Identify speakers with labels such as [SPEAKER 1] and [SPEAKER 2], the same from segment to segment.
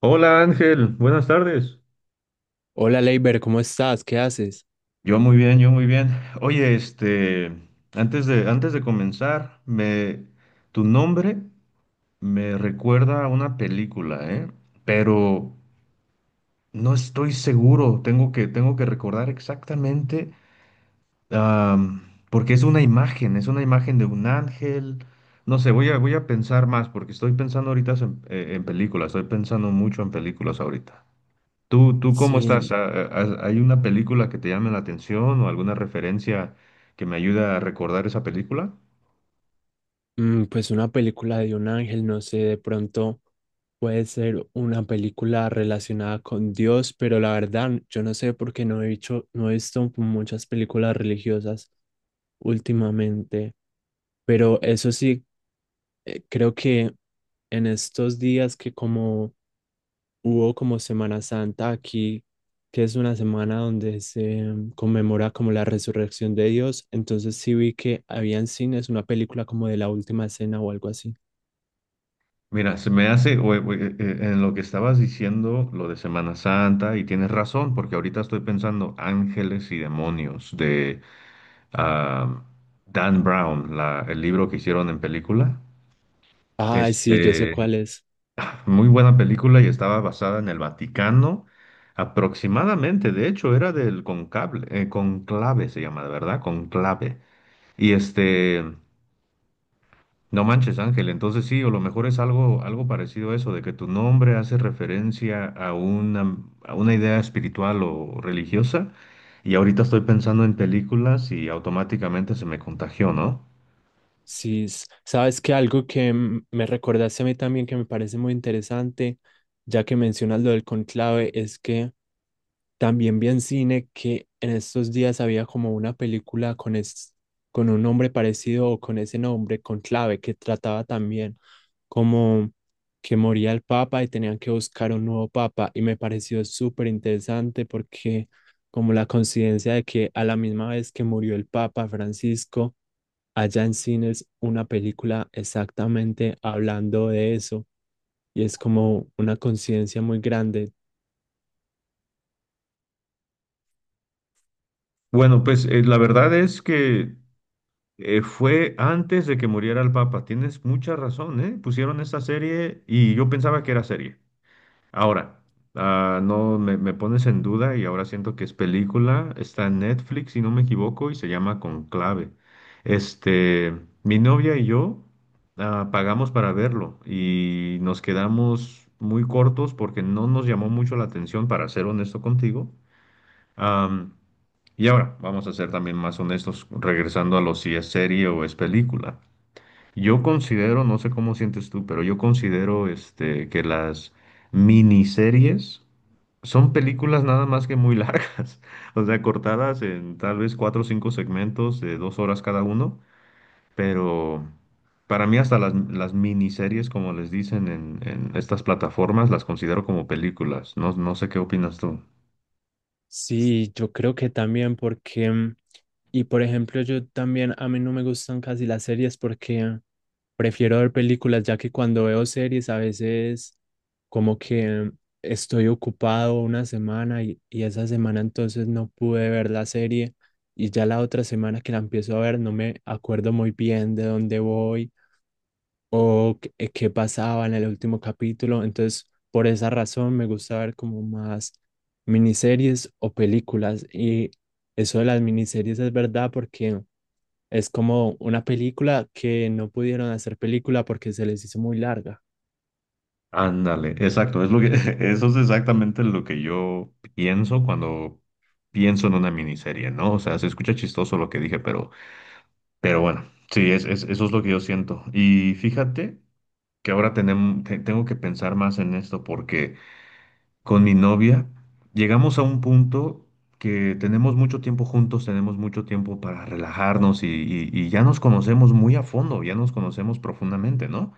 [SPEAKER 1] Hola Ángel, buenas tardes.
[SPEAKER 2] Hola Leiber, ¿cómo estás? ¿Qué haces?
[SPEAKER 1] Yo muy bien, yo muy bien. Oye, antes de comenzar, tu nombre me recuerda a una película, ¿eh? Pero no estoy seguro. Tengo que recordar exactamente, am, porque es una imagen de un ángel. No sé, voy a pensar más, porque estoy pensando ahorita en películas, estoy pensando mucho en películas ahorita. ¿Tú cómo estás?
[SPEAKER 2] Sin,
[SPEAKER 1] ¿Hay una película que te llame la atención o alguna referencia que me ayude a recordar esa película?
[SPEAKER 2] pues una película de un ángel, no sé, de pronto puede ser una película relacionada con Dios, pero la verdad, yo no sé por qué no he visto muchas películas religiosas últimamente, pero eso sí, creo que en estos días que como hubo como Semana Santa aquí, que es una semana donde se conmemora como la resurrección de Dios. Entonces sí vi que había en cines una película como de la última cena o algo así.
[SPEAKER 1] Mira, se me hace, en lo que estabas diciendo, lo de Semana Santa, y tienes razón, porque ahorita estoy pensando Ángeles y Demonios de ah, Dan Brown, el libro que hicieron en película.
[SPEAKER 2] Ay, sí, yo sé
[SPEAKER 1] Este,
[SPEAKER 2] cuál es.
[SPEAKER 1] Muy buena película y estaba basada en el Vaticano, aproximadamente. De hecho, era del conclave, se llama, ¿verdad? Conclave. Y este, no manches, Ángel, entonces sí, o lo mejor es algo, algo parecido a eso, de que tu nombre hace referencia a una idea espiritual o religiosa, y ahorita estoy pensando en películas y automáticamente se me contagió, ¿no?
[SPEAKER 2] Sí, sabes que algo que me recordaste a mí también que me parece muy interesante, ya que mencionas lo del conclave, es que también vi en cine que en estos días había como una película con, con un nombre parecido o con ese nombre, con clave, que trataba también como que moría el papa y tenían que buscar un nuevo papa. Y me pareció súper interesante porque como la coincidencia de que a la misma vez que murió el papa Francisco, allá en cines una película exactamente hablando de eso. Y es como una coincidencia muy grande.
[SPEAKER 1] Bueno, pues la verdad es que fue antes de que muriera el Papa. Tienes mucha razón, ¿eh? Pusieron esta serie y yo pensaba que era serie. Ahora, no me, me pones en duda y ahora siento que es película. Está en Netflix, si no me equivoco, y se llama Conclave. Este, mi novia y yo pagamos para verlo y nos quedamos muy cortos porque no nos llamó mucho la atención, para ser honesto contigo. Am, y ahora, vamos a ser también más honestos, regresando a lo si es serie o es película. Yo considero, no sé cómo sientes tú, pero yo considero que las miniseries son películas nada más que muy largas, o sea, cortadas en tal vez cuatro o cinco segmentos de dos horas cada uno, pero para mí hasta las miniseries, como les dicen en estas plataformas, las considero como películas. No, no sé qué opinas tú.
[SPEAKER 2] Sí, yo creo que también porque, y por ejemplo, yo también, a mí no me gustan casi las series porque prefiero ver películas, ya que cuando veo series a veces como que estoy ocupado una semana y esa semana entonces no pude ver la serie y ya la otra semana que la empiezo a ver no me acuerdo muy bien de dónde voy o qué, qué pasaba en el último capítulo. Entonces, por esa razón me gusta ver como más miniseries o películas. Y eso de las miniseries es verdad porque es como una película que no pudieron hacer película porque se les hizo muy larga.
[SPEAKER 1] Ándale, exacto, es lo que, eso es exactamente lo que yo pienso cuando pienso en una miniserie, ¿no? O sea, se escucha chistoso lo que dije, pero bueno, sí, eso es lo que yo siento. Y fíjate que ahora tengo que pensar más en esto porque con mi novia llegamos a un punto que tenemos mucho tiempo juntos, tenemos mucho tiempo para relajarnos y ya nos conocemos muy a fondo, ya nos conocemos profundamente, ¿no?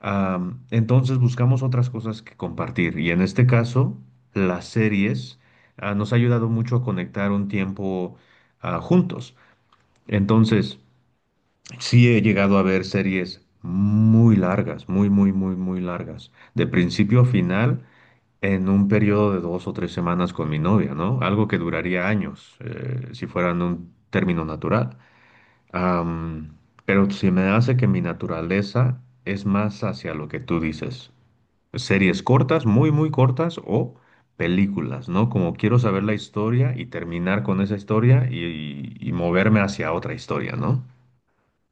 [SPEAKER 1] Entonces buscamos otras cosas que compartir y en este caso las series nos ha ayudado mucho a conectar un tiempo juntos. Entonces sí he llegado a ver series muy largas, muy, muy, muy, muy largas, de principio a final en un periodo de dos o tres semanas con mi novia, ¿no? Algo que duraría años si fueran un término natural. Am, pero se me hace que mi naturaleza es más hacia lo que tú dices. Series cortas, muy, muy cortas o películas, ¿no? Como quiero saber la historia y terminar con esa historia y moverme hacia otra historia, ¿no?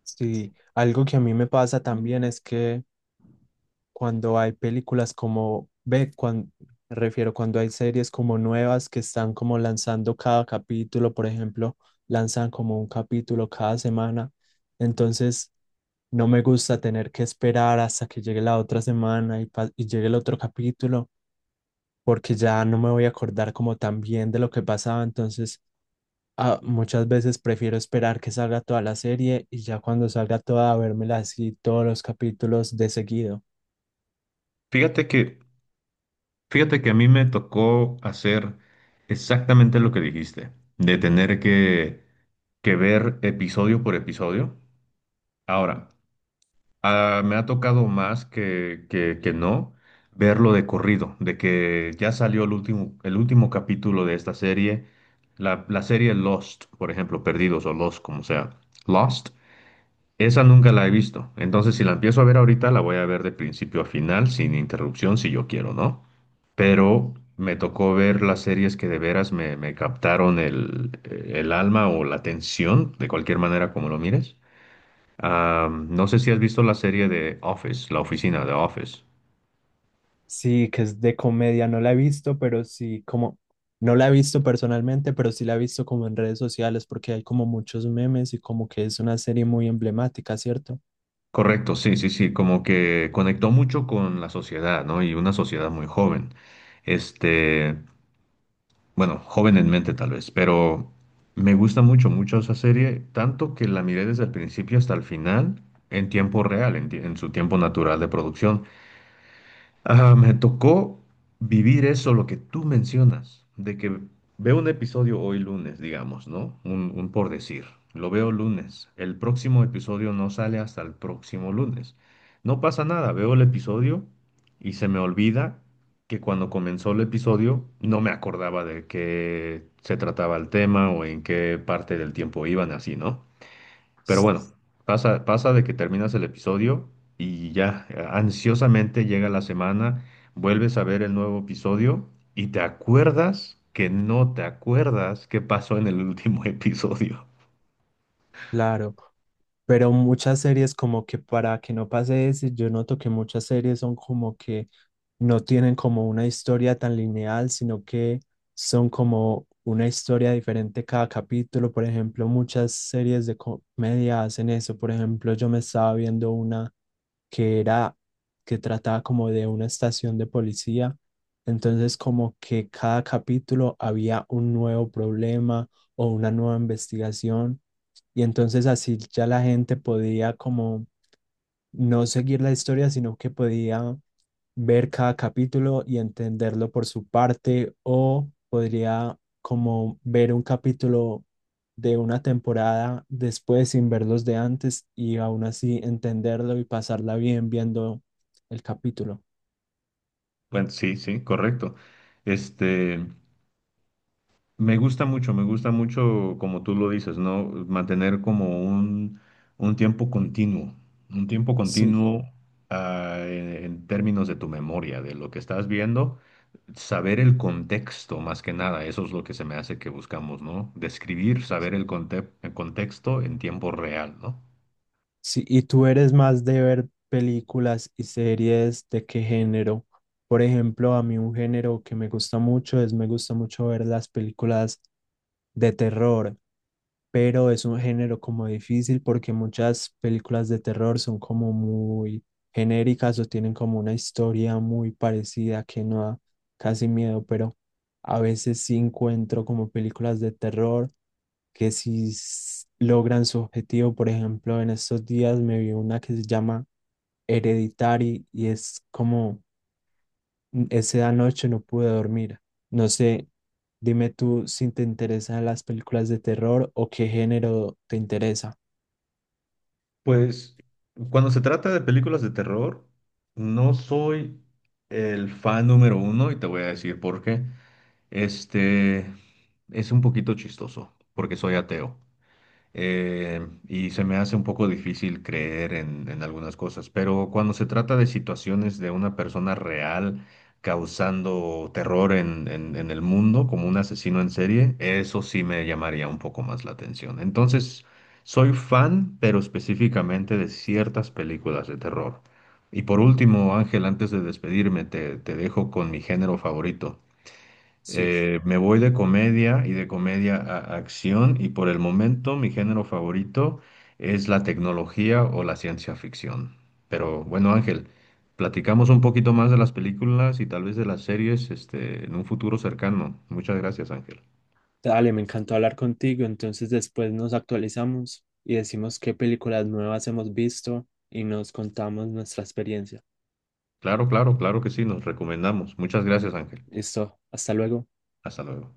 [SPEAKER 2] Sí, algo que a mí me pasa también es que cuando hay películas como, ve, cuando, refiero cuando hay series como nuevas que están como lanzando cada capítulo, por ejemplo, lanzan como un capítulo cada semana. Entonces, no me gusta tener que esperar hasta que llegue la otra semana y, y llegue el otro capítulo, porque ya no me voy a acordar como tan bien de lo que pasaba. Entonces, muchas veces prefiero esperar que salga toda la serie y ya cuando salga toda, vérmela así todos los capítulos de seguido.
[SPEAKER 1] Fíjate que, fíjate que a mí me tocó hacer exactamente lo que dijiste, de tener que ver episodio por episodio. Ahora, me ha tocado más que no verlo de corrido, de que ya salió el último capítulo de esta serie, la serie Lost, por ejemplo, Perdidos o Lost, como sea, Lost, esa nunca la he visto. Entonces, si la empiezo a ver ahorita, la voy a ver de principio a final, sin interrupción, si yo quiero, ¿no? Pero me tocó ver las series que de veras me captaron el alma o la atención, de cualquier manera como lo mires. Ah, no sé si has visto la serie de Office, la oficina de Office.
[SPEAKER 2] Sí, que es de comedia, no la he visto, pero sí, como, no la he visto personalmente, pero sí la he visto como en redes sociales porque hay como muchos memes y como que es una serie muy emblemática, ¿cierto?
[SPEAKER 1] Correcto, sí, sí, sí, como que conectó mucho con la sociedad, ¿no? Y una sociedad muy joven. Este, bueno, joven en mente tal vez, pero me gusta mucho, mucho esa serie, tanto que la miré desde el principio hasta el final en tiempo real, en su tiempo natural de producción. Ah, me tocó vivir eso, lo que tú mencionas, de que veo un episodio hoy lunes, digamos, ¿no? Un por decir, lo veo lunes, el próximo episodio no sale hasta el próximo lunes. No pasa nada, veo el episodio y se me olvida que cuando comenzó el episodio no me acordaba de qué se trataba el tema o en qué parte del tiempo iban así, ¿no? Pero
[SPEAKER 2] S-
[SPEAKER 1] bueno, pasa, pasa de que terminas el episodio y ya ansiosamente llega la semana, vuelves a ver el nuevo episodio y te acuerdas que no te acuerdas qué pasó en el último episodio.
[SPEAKER 2] Claro, pero muchas series como que para que no pase eso, yo noto que muchas series son como que no tienen como una historia tan lineal, sino que son como una historia diferente cada capítulo. Por ejemplo, muchas series de comedia hacen eso. Por ejemplo, yo me estaba viendo una que era, que trataba como de una estación de policía. Entonces, como que cada capítulo había un nuevo problema o una nueva investigación. Y entonces así ya la gente podía como no seguir la historia, sino que podía ver cada capítulo y entenderlo por su parte, o podría como ver un capítulo de una temporada después sin ver los de antes y aún así entenderlo y pasarla bien viendo el capítulo.
[SPEAKER 1] Bueno, sí, sí, correcto. Este. Me gusta mucho, como tú lo dices, ¿no? Mantener como un tiempo continuo, un tiempo
[SPEAKER 2] Sí.
[SPEAKER 1] continuo en términos de tu memoria, de lo que estás viendo, saber el contexto más que nada, eso es lo que se me hace que buscamos, ¿no? Describir, saber el contexto en tiempo real, ¿no?
[SPEAKER 2] Sí, ¿y tú eres más de ver películas y series de qué género? Por ejemplo, a mí un género que me gusta mucho es, me gusta mucho ver las películas de terror, pero es un género como difícil porque muchas películas de terror son como muy genéricas o tienen como una historia muy parecida que no da casi miedo, pero a veces sí encuentro como películas de terror que sí logran su objetivo. Por ejemplo, en estos días me vi una que se llama Hereditary y es como esa noche no pude dormir. No sé, dime tú si te interesan las películas de terror o qué género te interesa.
[SPEAKER 1] Pues cuando se trata de películas de terror, no soy el fan número uno y te voy a decir por qué. Este es un poquito chistoso porque soy ateo y se me hace un poco difícil creer en algunas cosas, pero cuando se trata de situaciones de una persona real causando terror en el mundo como un asesino en serie, eso sí me llamaría un poco más la atención. Entonces, soy fan, pero específicamente de ciertas películas de terror. Y por último, Ángel, antes de despedirme, te dejo con mi género favorito.
[SPEAKER 2] Sí,
[SPEAKER 1] Me voy de comedia y de comedia a acción y por el momento mi género favorito es la tecnología o la ciencia ficción. Pero bueno, Ángel, platicamos un poquito más de las películas y tal vez de las series, este, en un futuro cercano. Muchas gracias, Ángel.
[SPEAKER 2] dale, me encantó hablar contigo. Entonces después nos actualizamos y decimos qué películas nuevas hemos visto y nos contamos nuestra experiencia.
[SPEAKER 1] Claro, claro, claro que sí, nos recomendamos. Muchas gracias, Ángel.
[SPEAKER 2] Listo, hasta luego.
[SPEAKER 1] Hasta luego.